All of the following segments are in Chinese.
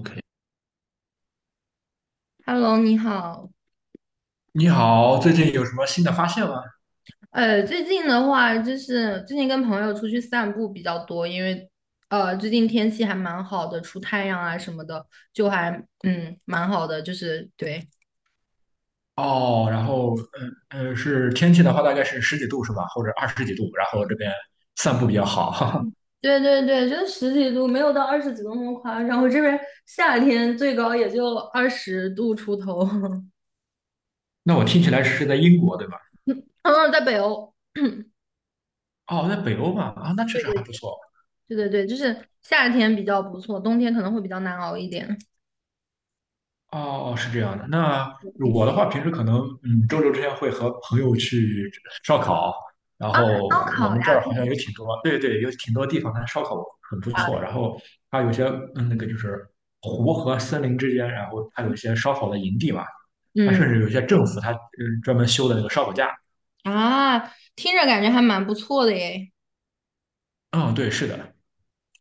OK，Hello，你好。你好，最近有什么新的发现吗？最近的话，就是最近跟朋友出去散步比较多，因为最近天气还蛮好的，出太阳啊什么的，就还蛮好的，就是对。哦，然后，嗯嗯，是天气的话，大概是十几度是吧？或者二十几度，然后这边散步比较好。哈哈。对对对，就十几度，没有到二十几度那么夸张。我这边夏天最高也就20度出头。那我听起来是在英国对吧？嗯，在北欧，哦，在北欧嘛，啊，那确对实对还不错。对对对，就是夏天比较不错，冬天可能会比较难熬一点。哦，哦是这样的。那我的话，平时可能，周六之前会和朋友去烧烤，然后烧我烤们这呀。儿好像有挺多，对对，有挺多地方它烧烤很不错。然后它有些，那个就是湖和森林之间，然后它有一些烧烤的营地嘛。它嗯甚至有些政府它专门修的那个烧烤架。啊，听着感觉还蛮不错的耶。嗯，对，是的。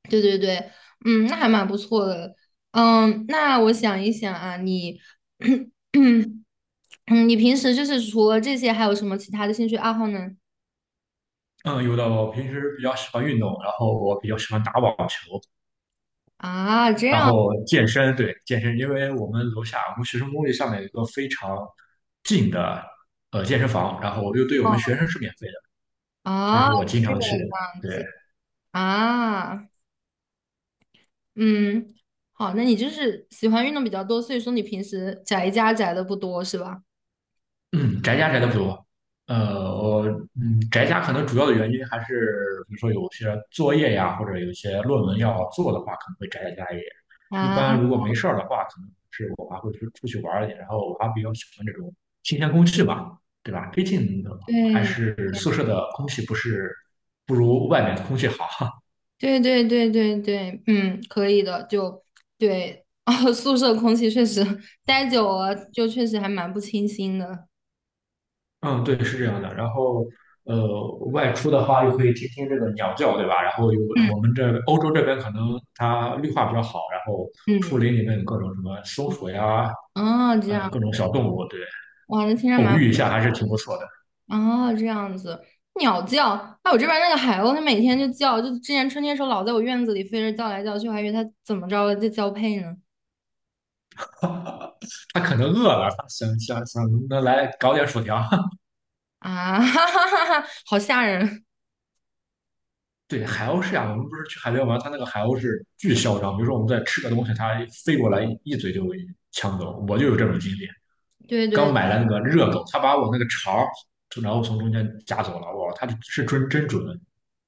对对对，那还蛮不错的。那我想一想啊，你，嗯，你平时就是除了这些，还有什么其他的兴趣爱好呢？嗯，有的。我平时比较喜欢运动，然后我比较喜欢打网球。啊，这然样后健身，对，健身，因为我们楼下我们学生公寓上面有一个非常近的健身房，然后又对我们学生是免费的，所以啊，说我经这常个去，样对，子啊，嗯，好，那你就是喜欢运动比较多，所以说你平时宅家宅的不多是吧？嗯，宅家宅的不多。呃，我宅家可能主要的原因还是，比如说有些作业呀，或者有些论文要做的话，可能会宅在家里。一般啊，如果没事儿的话，可能是我还会出去玩儿一点。然后我还比较喜欢这种新鲜空气吧，对吧？毕竟还对。是宿舍的空气不是不如外面的空气好。对对对对对，可以的，就对，哦，宿舍空气确实待久了，就确实还蛮不清新的。嗯，对，是这样的。然后，外出的话又可以听听这个鸟叫，对吧？然后有我们这欧洲这边可能它绿化比较好，然后树嗯，林里面有各种什么松鼠呀，哦，这样，各种小动物，对，哇，那听着偶蛮，遇一下还是挺不错的。哦，这样子，鸟叫，哎，我这边那个海鸥，它每天就叫，就之前春天时候老在我院子里飞着叫来叫去，我还以为它怎么着了，在交配呢。它可能饿了，它想能来搞点薯条。啊，哈哈哈哈，好吓人。对，海鸥是这样，我们不是去海边玩，它那个海鸥是巨嚣张，比如说我们在吃个东西，它飞过来一嘴就给抢走。我就有这种经历。对刚对买了那个热狗，他把我那个肠儿，然后从中间夹走了。哇，他是真真准。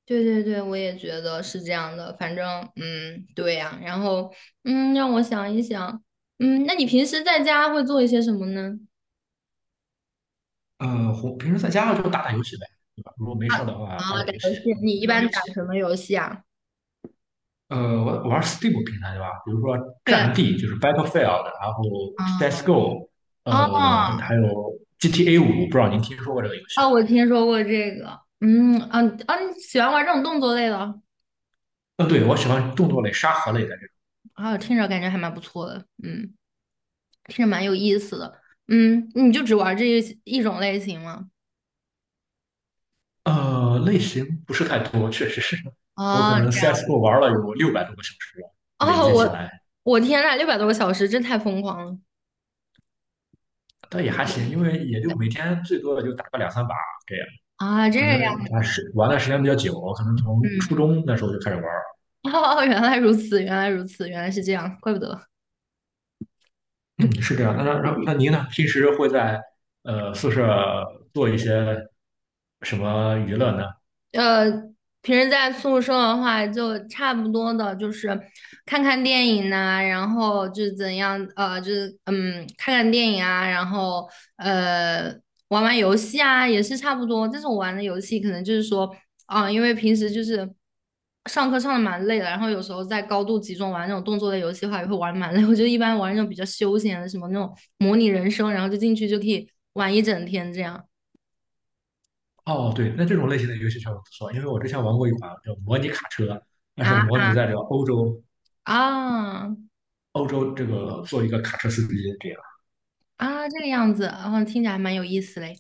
对对对，我也觉得是这样的。反正，对呀、然后，让我想一想，那你平时在家会做一些什么呢？红平时在家就打打游戏呗，对吧？如果没事儿的话，啊，打打打游游戏，戏，跟你朋一友般一打起。什么游戏啊？我玩 Steam 平台对吧？比如说对，《战地》就是 Battlefield，然后 嗯，CS:GO，哦，还有 GTA 五，不知道您听说过这个游戏吗？哦，我听说过这个，嗯，啊啊，你喜欢玩这种动作类的？嗯，对，我喜欢动作类、沙盒类的这种。啊，听着感觉还蛮不错的，听着蛮有意思的，你就只玩这一种类型吗？类型不是太多，确实是。我哦，可能 这样，CS:GO 玩了有600多个小时了，累哦，计起我来。我天呐，600多个小时，真太疯狂了！但也还行，因 为也就每天最多也就打个两三把这样，啊，这。可能样。还是玩的时间比较久，可能从初嗯，中那时候就开始玩 哦，原来如此，原来如此，原来是这样，怪不得。嗯，是这样。那您呢？平时会在宿舍做一些什么娱乐呢？呃，平时在宿舍的话，就差不多的，就是看看电影呐、然后就是怎样，就是看看电影啊，然后呃，玩玩游戏啊，也是差不多。但是我玩的游戏可能就是说，因为平时就是上课上的蛮累的，然后有时候在高度集中玩那种动作类游戏的话，也会玩得蛮累。我就一般玩那种比较休闲的，什么那种模拟人生，然后就进去就可以玩一整天这样哦，对，那这种类型的游戏确实不错，因为我之前玩过一款叫模拟卡车，但是模啊拟在这个欧洲，啊。欧洲这个做一个卡车司机这样。啊，这个样子，然后听起来还蛮有意思嘞。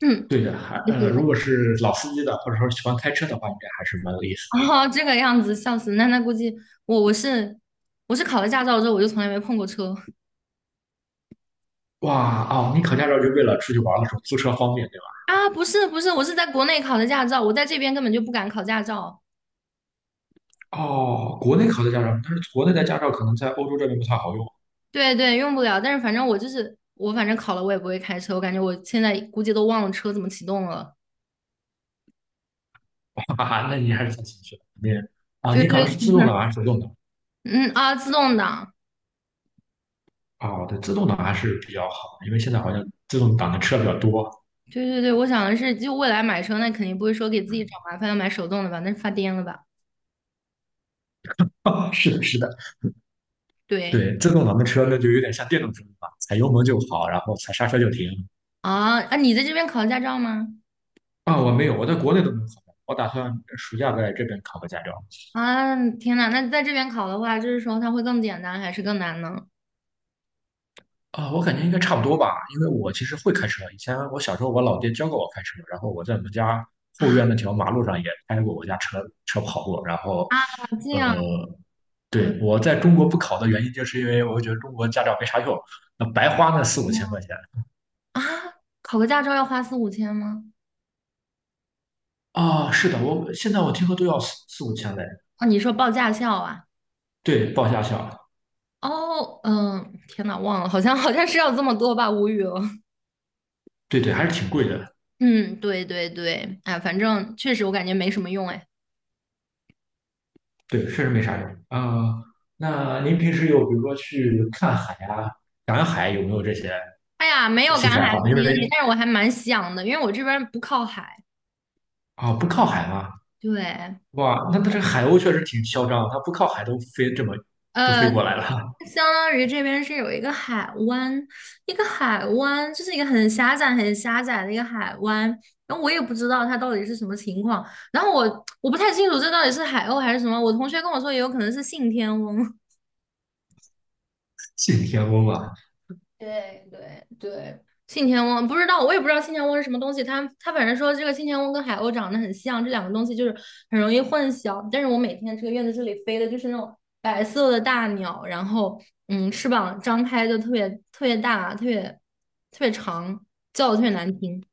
嗯，对的，就是如果是老司机的，或者说喜欢开车的话，应该还是蛮有意思的。哦，这个样子，笑死！那估计我我是我是考了驾照之后，我就从来没碰过车哇哦，你考驾照就为了出去玩的时候租车方便，对吧？啊。不是不是，我是在国内考的驾照，我在这边根本就不敢考驾照。哦，国内考的驾照，但是国内的驾照可能在欧洲这边不太好用，对对，用不了。但是反正我就是我，反正考了我也不会开车，我感觉我现在估计都忘了车怎么启动了。哈哈，那你还是太谦虚了。啊，对你考对，的是自动挡还是手动挡？自动挡。哦，对，自动挡还是比较好，因为现在好像自动挡的车比较多。对对对，我想的是，就未来买车，那肯定不会说给自己找麻烦要买手动的吧？那是发癫了吧？是的，是的，对。对，自动挡的车那就有点像电动车了，踩油门就跑，然后踩刹车就停。啊啊！你在这边考驾照吗？啊，我没有，我在国内都没有考过，我打算暑假在这边考个驾照。啊，天呐，那在这边考的话，就是说它会更简单还是更难呢？啊、我感觉应该差不多吧，因为我其实会开车。以前我小时候，我老爹教过我开车，然后我在我们家后啊，院那条马路上也开过我家车跑过。然后，这呃，样啊对，我在中国不考的原因，就是因为我觉得中国驾照没啥用，那白花那四五千啊，块钱。考个驾照要花四五千吗？啊、是的，我现在我听说都要四五千嘞。啊，你说报驾校啊？对，报驾校，哦，天呐，忘了，好像是要这么多吧，无语了。对对，还是挺贵的。嗯，对对对，哎，反正确实我感觉没什么用，哎，对，确实没啥用。啊、那您平时有比如说去看海啊、赶海，有没有这些哎呀，没有赶兴趣爱海的好呢？因为经历，但是我还蛮想的，因为我这边不靠海，啊，不靠海吗？对。哇，那它这海鸥确实挺嚣张它不靠海都飞这么都呃，飞过来了，相当于这边是有一个海湾，一个海湾，就是一个很狭窄、很狭窄的一个海湾。然后我也不知道它到底是什么情况，然后我不太清楚这到底是海鸥还是什么。我同学跟我说，也有可能是信天翁。信天翁啊！对对对，信天翁不知道，我也不知道信天翁是什么东西。他反正说这个信天翁跟海鸥长得很像，这两个东西就是很容易混淆。但是我每天这个院子这里飞的就是那种白色的大鸟，然后翅膀张开就特别特别大，特别特别长，叫的特别难听。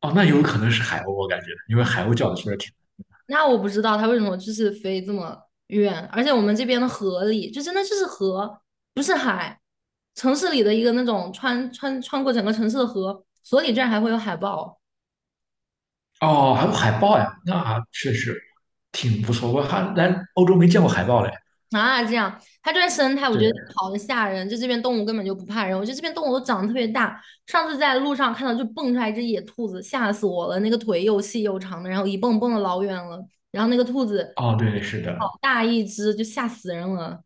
哦，那有可能是海鸥，我感觉，因为海鸥叫的确实挺……那我不知道它为什么就是飞这么远，而且我们这边的河里就真的就是河，不是海。城市里的一个那种穿过整个城市的河，所里居然还会有海豹哦，还有海豹呀，那确实挺不错。我还来欧洲没见过海豹嘞。啊！这样，它这边生态我觉对，得好的吓人，就这边动物根本就不怕人，我觉得这边动物都长得特别大。上次在路上看到就蹦出来一只野兔子，吓死我了，那个腿又细又长的，然后一蹦蹦的老远了，然后那个兔子哦，对，是的，好大一只，就吓死人了。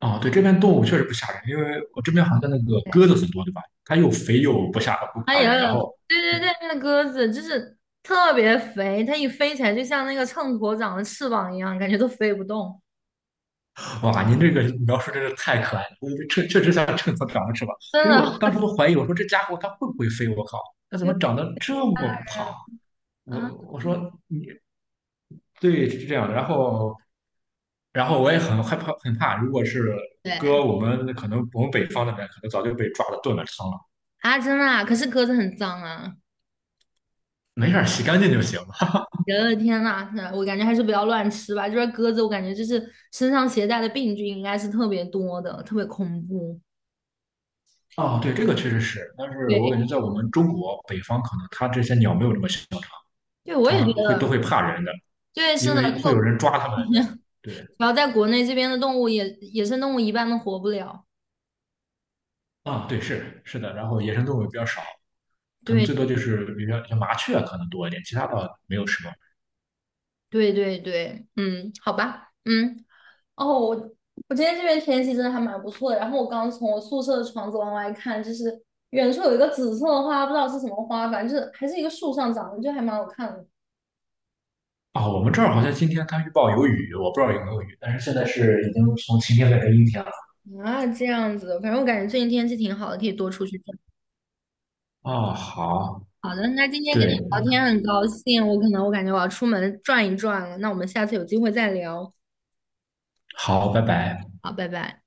哦，对，这边动物确实不吓人，因为我这边好像那个鸽子很多，对吧？它又肥又不吓不哎怕呀，人，然后对对对，那鸽子就是特别肥，它一飞起来就像那个秤砣长了翅膀一样，感觉都飞不动，哇，您这个描述真是太可爱了，我确实像秤砣长了翅膀。真其实我的。当时都怀疑，我说这家伙它会不会飞？我靠，它怎对么长得这么胖？啊，我说嗯你对是这样的，然后我也很害怕，很怕，如果是对搁我们可能我们北方那边，可能早就被抓了炖了汤了。啊，真的啊，可是鸽子很脏啊！没事儿，洗干净就行了。我的天呐，那我感觉还是不要乱吃吧。这边鸽子，我感觉就是身上携带的病菌应该是特别多的，特别恐怖。哦，对，这个确实是，但是我对，感觉在我们中国北方，可能它这些鸟没有这么嚣张，对，我也它觉会都得，会怕人的，对，因是的，为会有就人抓它们的。对。然要在国内这边的动物也野生动物一般都活不了。啊，对，是的，然后野生动物也比较少，可能对，最多就是比如说像麻雀可能多一点，其他倒没有什么。对，对，对，嗯，好吧，嗯。哦，我今天这边天气真的还蛮不错的。然后我刚从我宿舍的窗子往外看，就是远处有一个紫色的花，不知道是什么花，反正就是还是一个树上长的，就还蛮好看的。啊，我们这儿好像今天它预报有雨，我不知道有没有雨，但是现在是已经从晴天变成阴天了。啊，这样子，反正我感觉最近天气挺好的，可以多出去转。啊，好，好的，那今天跟你对，聊天很高兴，我可能我感觉我要出门转一转了，那我们下次有机会再聊。好，拜拜。好，拜拜。